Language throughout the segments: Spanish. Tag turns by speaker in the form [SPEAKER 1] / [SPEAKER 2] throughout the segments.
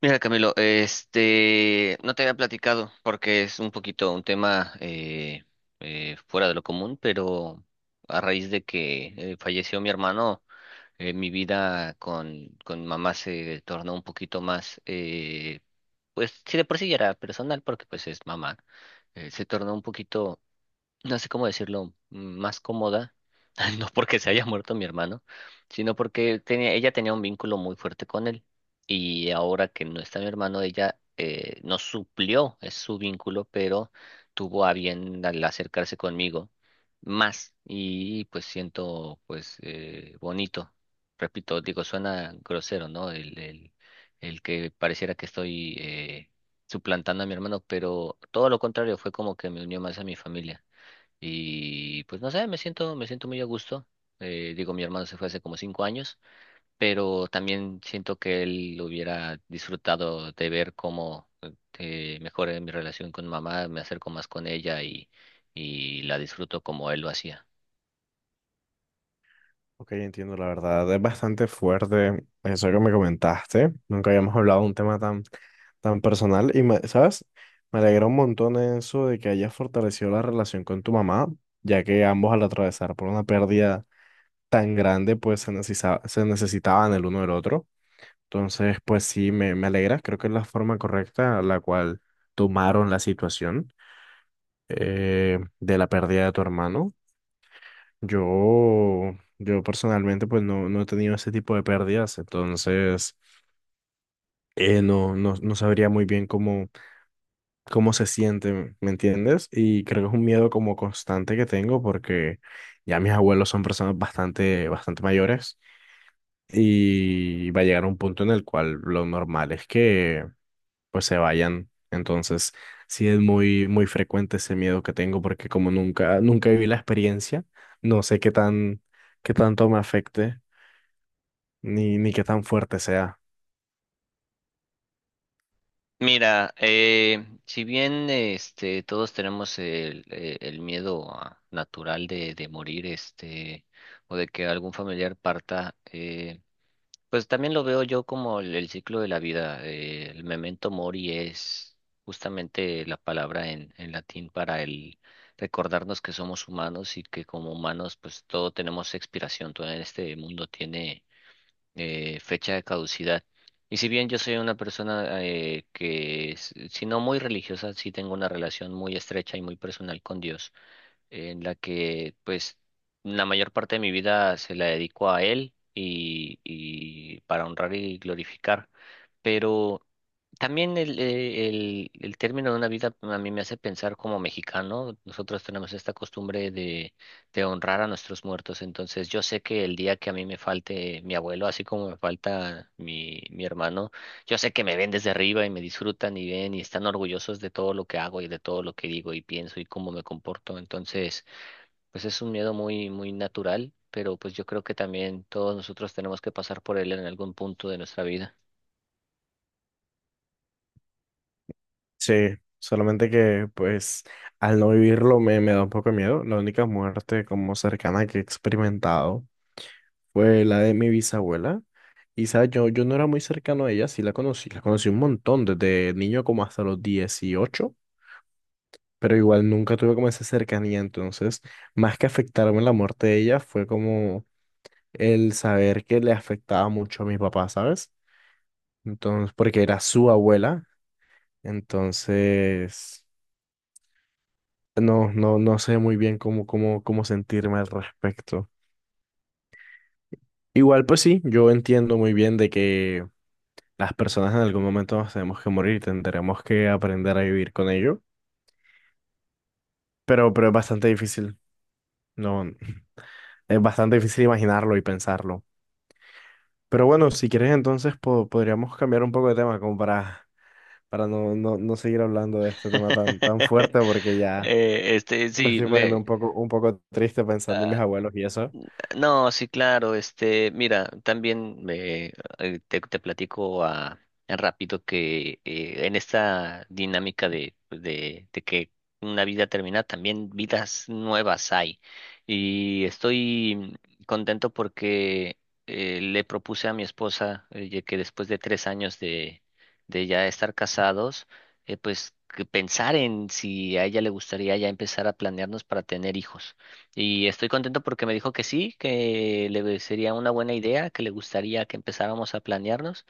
[SPEAKER 1] Mira, Camilo, no te había platicado porque es un poquito un tema fuera de lo común, pero a raíz de que falleció mi hermano, mi vida con mamá se tornó un poquito más, pues si de por sí ya era personal porque pues es mamá, se tornó un poquito no sé cómo decirlo, más cómoda, no porque se haya muerto mi hermano, sino porque ella tenía un vínculo muy fuerte con él. Y ahora que no está mi hermano, ella nos suplió es su vínculo, pero tuvo a bien al acercarse conmigo más. Y pues siento pues bonito. Repito, digo, suena grosero, ¿no? El que pareciera que estoy suplantando a mi hermano, pero todo lo contrario, fue como que me unió más a mi familia. Y pues no sé, me siento muy a gusto. Digo, mi hermano se fue hace como 5 años, pero también siento que él hubiera disfrutado de ver cómo mejoré mi relación con mamá, me acerco más con ella y la disfruto como él lo hacía.
[SPEAKER 2] Ok, entiendo, la verdad es bastante fuerte eso que me comentaste. Nunca habíamos hablado de un tema tan, tan personal y, ¿sabes? Me alegra un montón eso de que hayas fortalecido la relación con tu mamá, ya que ambos al atravesar por una pérdida tan grande, pues se necesitaba, se necesitaban el uno del otro. Entonces, pues sí, me alegra. Creo que es la forma correcta la cual tomaron la situación, de la pérdida de tu hermano. Yo personalmente pues no, no he tenido ese tipo de pérdidas, entonces no, no, no sabría muy bien cómo, cómo se siente, ¿me entiendes? Y creo que es un miedo como constante que tengo porque ya mis abuelos son personas bastante, bastante mayores y va a llegar un punto en el cual lo normal es que pues se vayan. Entonces sí es muy, muy frecuente ese miedo que tengo porque como nunca, nunca viví la experiencia, no sé qué tan, qué tanto me afecte. Ni, ni qué tan fuerte sea.
[SPEAKER 1] Mira, si bien todos tenemos el miedo natural de morir o de que algún familiar parta. Pues también lo veo yo como el ciclo de la vida. El memento mori es justamente la palabra en latín para el recordarnos que somos humanos y que como humanos pues todo tenemos expiración, todo en este mundo tiene fecha de caducidad. Y si bien yo soy una persona que, si no muy religiosa, sí tengo una relación muy estrecha y muy personal con Dios en la que pues la mayor parte de mi vida se la dedico a él y para honrar y glorificar. Pero también el término de una vida a mí me hace pensar como mexicano. Nosotros tenemos esta costumbre de honrar a nuestros muertos. Entonces yo sé que el día que a mí me falte mi abuelo, así como me falta mi hermano, yo sé que me ven desde arriba y me disfrutan y ven y están orgullosos de todo lo que hago y de todo lo que digo y pienso y cómo me comporto. Entonces, pues es un miedo muy, muy natural, pero pues yo creo que también todos nosotros tenemos que pasar por él en algún punto de nuestra vida.
[SPEAKER 2] Sí, solamente que pues al no vivirlo me da un poco de miedo. La única muerte como cercana que he experimentado fue la de mi bisabuela. Y sabes, yo no era muy cercano a ella, sí la conocí un montón, desde niño como hasta los 18, pero igual nunca tuve como esa cercanía, entonces más que afectarme la muerte de ella fue como el saber que le afectaba mucho a mi papá, ¿sabes? Entonces, porque era su abuela, entonces... No, no, no sé muy bien cómo, cómo, cómo sentirme al respecto. Igual, pues sí, yo entiendo muy bien de que las personas en algún momento nos tenemos que morir y tendremos que aprender a vivir con ello. Pero es bastante difícil. No, es bastante difícil imaginarlo y pensarlo. Pero bueno, si quieres entonces podríamos cambiar un poco de tema como para no, no, no seguir hablando de este tema tan, tan fuerte porque ya me
[SPEAKER 1] Sí,
[SPEAKER 2] estoy poniendo un poco triste pensando en mis abuelos y eso.
[SPEAKER 1] no, sí, claro, mira, también te platico rápido que en esta dinámica de que una vida termina, también vidas nuevas hay. Y estoy contento porque le propuse a mi esposa ya que después de 3 años de ya estar casados, pues que pensar en si a ella le gustaría ya empezar a planearnos para tener hijos. Y estoy contento porque me dijo que sí, que le sería una buena idea, que le gustaría que empezáramos a planearnos.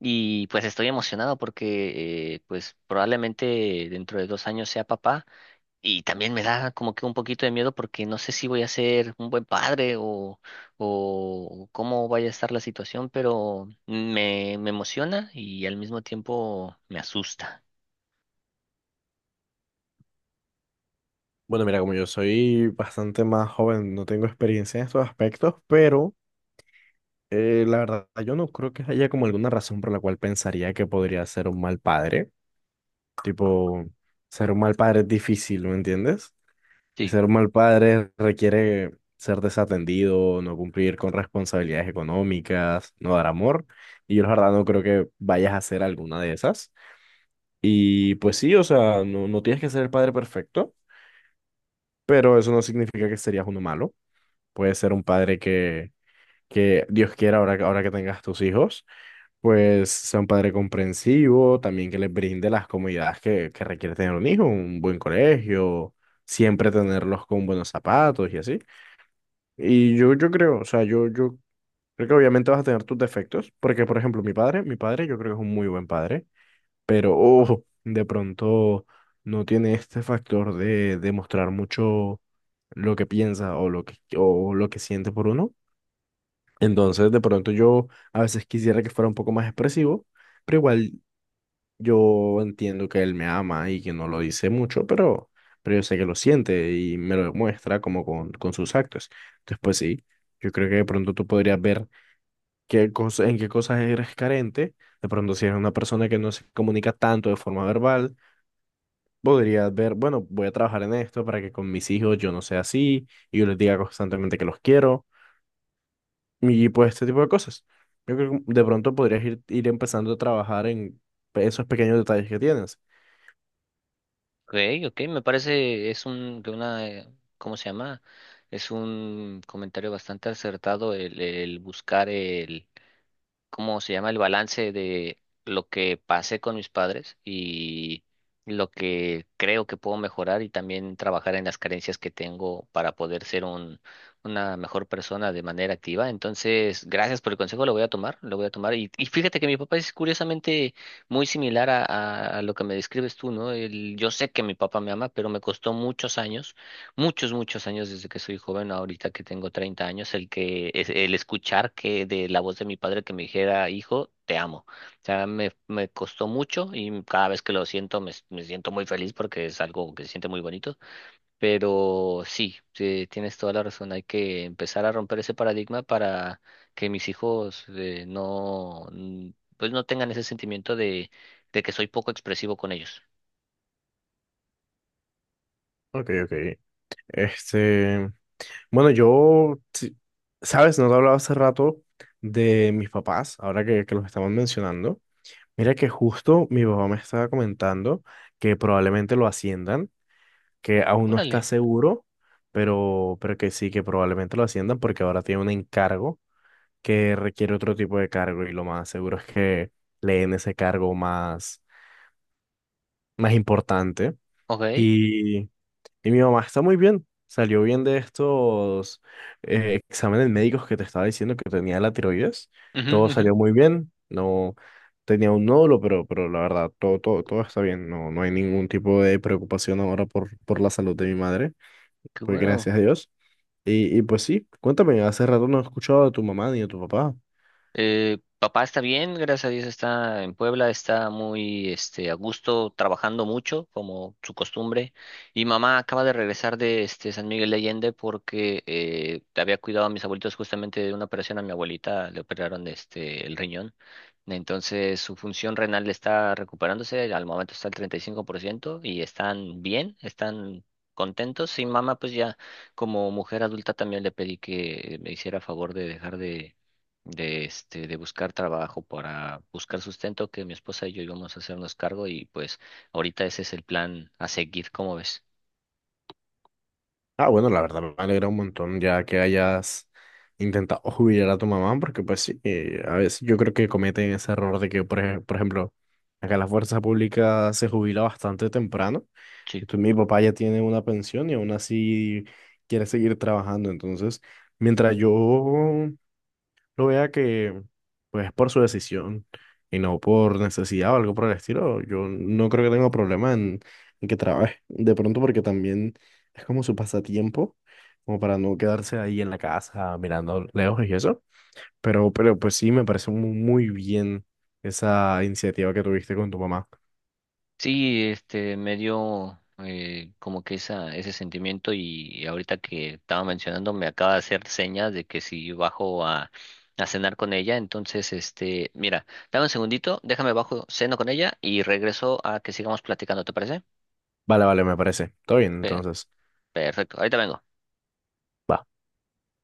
[SPEAKER 1] Y pues estoy emocionado porque pues probablemente dentro de 2 años sea papá. Y también me da como que un poquito de miedo porque no sé si voy a ser un buen padre o cómo vaya a estar la situación, pero me emociona y al mismo tiempo me asusta.
[SPEAKER 2] Bueno, mira, como yo soy bastante más joven, no tengo experiencia en estos aspectos, pero la verdad yo no creo que haya como alguna razón por la cual pensaría que podría ser un mal padre. Tipo, ser un mal padre es difícil, ¿me entiendes? Ser un mal padre requiere ser desatendido, no cumplir con responsabilidades económicas, no dar amor, y yo la verdad no creo que vayas a hacer alguna de esas. Y pues sí, o sea, no, no tienes que ser el padre perfecto, pero eso no significa que serías uno malo. Puede ser un padre que Dios quiera, ahora, ahora que tengas tus hijos, pues sea un padre comprensivo, también que les brinde las comodidades que requiere tener un hijo, un buen colegio, siempre tenerlos con buenos zapatos y así. O sea, yo creo que obviamente vas a tener tus defectos, porque por ejemplo, mi padre yo creo que es un muy buen padre, pero ojo, de pronto no tiene este factor de demostrar mucho lo que piensa o lo que siente por uno. Entonces, de pronto yo a veces quisiera que fuera un poco más expresivo, pero igual yo entiendo que él me ama y que no lo dice mucho, pero yo sé que lo siente y me lo demuestra como con sus actos. Entonces, pues sí, yo creo que de pronto tú podrías ver qué cosa, en qué cosas eres carente. De pronto, si eres una persona que no se comunica tanto de forma verbal, podrías ver, bueno, voy a trabajar en esto para que con mis hijos yo no sea así y yo les diga constantemente que los quiero. Y pues este tipo de cosas. Yo creo que de pronto podrías ir empezando a trabajar en esos pequeños detalles que tienes.
[SPEAKER 1] Ok, ok, me parece, es un, de una, ¿cómo se llama? Es un comentario bastante acertado el buscar el, ¿cómo se llama? El balance de lo que pasé con mis padres y lo que creo que puedo mejorar y también trabajar en las carencias que tengo para poder ser un, una mejor persona de manera activa. Entonces, gracias por el consejo, lo voy a tomar, lo voy a tomar. Y fíjate que mi papá es curiosamente muy similar a lo que me describes tú, ¿no? Yo sé que mi papá me ama, pero me costó muchos, muchos años desde que soy joven, ahorita que tengo 30 años, el que el escuchar que de la voz de mi padre que me dijera, hijo, te amo. O sea, me costó mucho y cada vez que lo siento me siento muy feliz porque es algo que se siente muy bonito. Pero sí, sí, tienes toda la razón, hay que empezar a romper ese paradigma para que mis hijos pues no tengan ese sentimiento de que soy poco expresivo con ellos.
[SPEAKER 2] Ok, ok. Este, bueno, sabes, no te hablaba hace rato de mis papás, ahora que los estamos mencionando. Mira que justo mi papá me estaba comentando que probablemente lo asciendan, que aún no está
[SPEAKER 1] Órale,
[SPEAKER 2] seguro, pero que sí, que probablemente lo asciendan porque ahora tiene un encargo que requiere otro tipo de cargo y lo más seguro es que le den ese cargo más, más importante.
[SPEAKER 1] ok.
[SPEAKER 2] Y, y mi mamá está muy bien, salió bien de estos exámenes médicos que te estaba diciendo que tenía la tiroides,
[SPEAKER 1] Ujú,
[SPEAKER 2] todo
[SPEAKER 1] ujú.
[SPEAKER 2] salió muy bien, no tenía un nódulo, pero la verdad, todo, todo, todo está bien, no, no hay ningún tipo de preocupación ahora por la salud de mi madre,
[SPEAKER 1] Qué
[SPEAKER 2] pues
[SPEAKER 1] bueno.
[SPEAKER 2] gracias a Dios. Y pues sí, cuéntame, hace rato no he escuchado de tu mamá ni de tu papá.
[SPEAKER 1] Papá está bien, gracias a Dios está en Puebla, está muy a gusto, trabajando mucho, como su costumbre. Y mamá acaba de regresar de San Miguel de Allende porque había cuidado a mis abuelitos justamente de una operación. A mi abuelita le operaron el riñón. Entonces su función renal está recuperándose, al momento está al 35% y 5% y están bien, están contentos. Y mamá, pues ya como mujer adulta también le pedí que me hiciera favor de dejar de buscar trabajo para buscar sustento, que mi esposa y yo íbamos a hacernos cargo y pues ahorita ese es el plan a seguir, ¿cómo ves?
[SPEAKER 2] Ah, bueno, la verdad me alegra un montón ya que hayas intentado jubilar a tu mamá, porque pues sí, a veces yo creo que cometen ese error de que, por, por ejemplo, acá la fuerza pública se jubila bastante temprano.
[SPEAKER 1] Sí.
[SPEAKER 2] Entonces mi papá ya tiene una pensión y aún así quiere seguir trabajando. Entonces, mientras yo lo vea que, pues, por su decisión y no por necesidad o algo por el estilo, yo no creo que tenga problema en que trabaje. De pronto, porque también es como su pasatiempo, como para no quedarse ahí en la casa mirando lejos y eso. Pero pues sí, me parece muy bien esa iniciativa que tuviste con tu mamá.
[SPEAKER 1] Sí, me dio como que ese sentimiento y ahorita que estaba mencionando me acaba de hacer señas de que si bajo a cenar con ella, entonces, mira, dame un segundito, déjame bajo, ceno con ella y regreso a que sigamos platicando, ¿te parece?
[SPEAKER 2] Vale, vale, me parece. Todo bien,
[SPEAKER 1] Pe-
[SPEAKER 2] entonces.
[SPEAKER 1] Perfecto, ahorita vengo.
[SPEAKER 2] Va.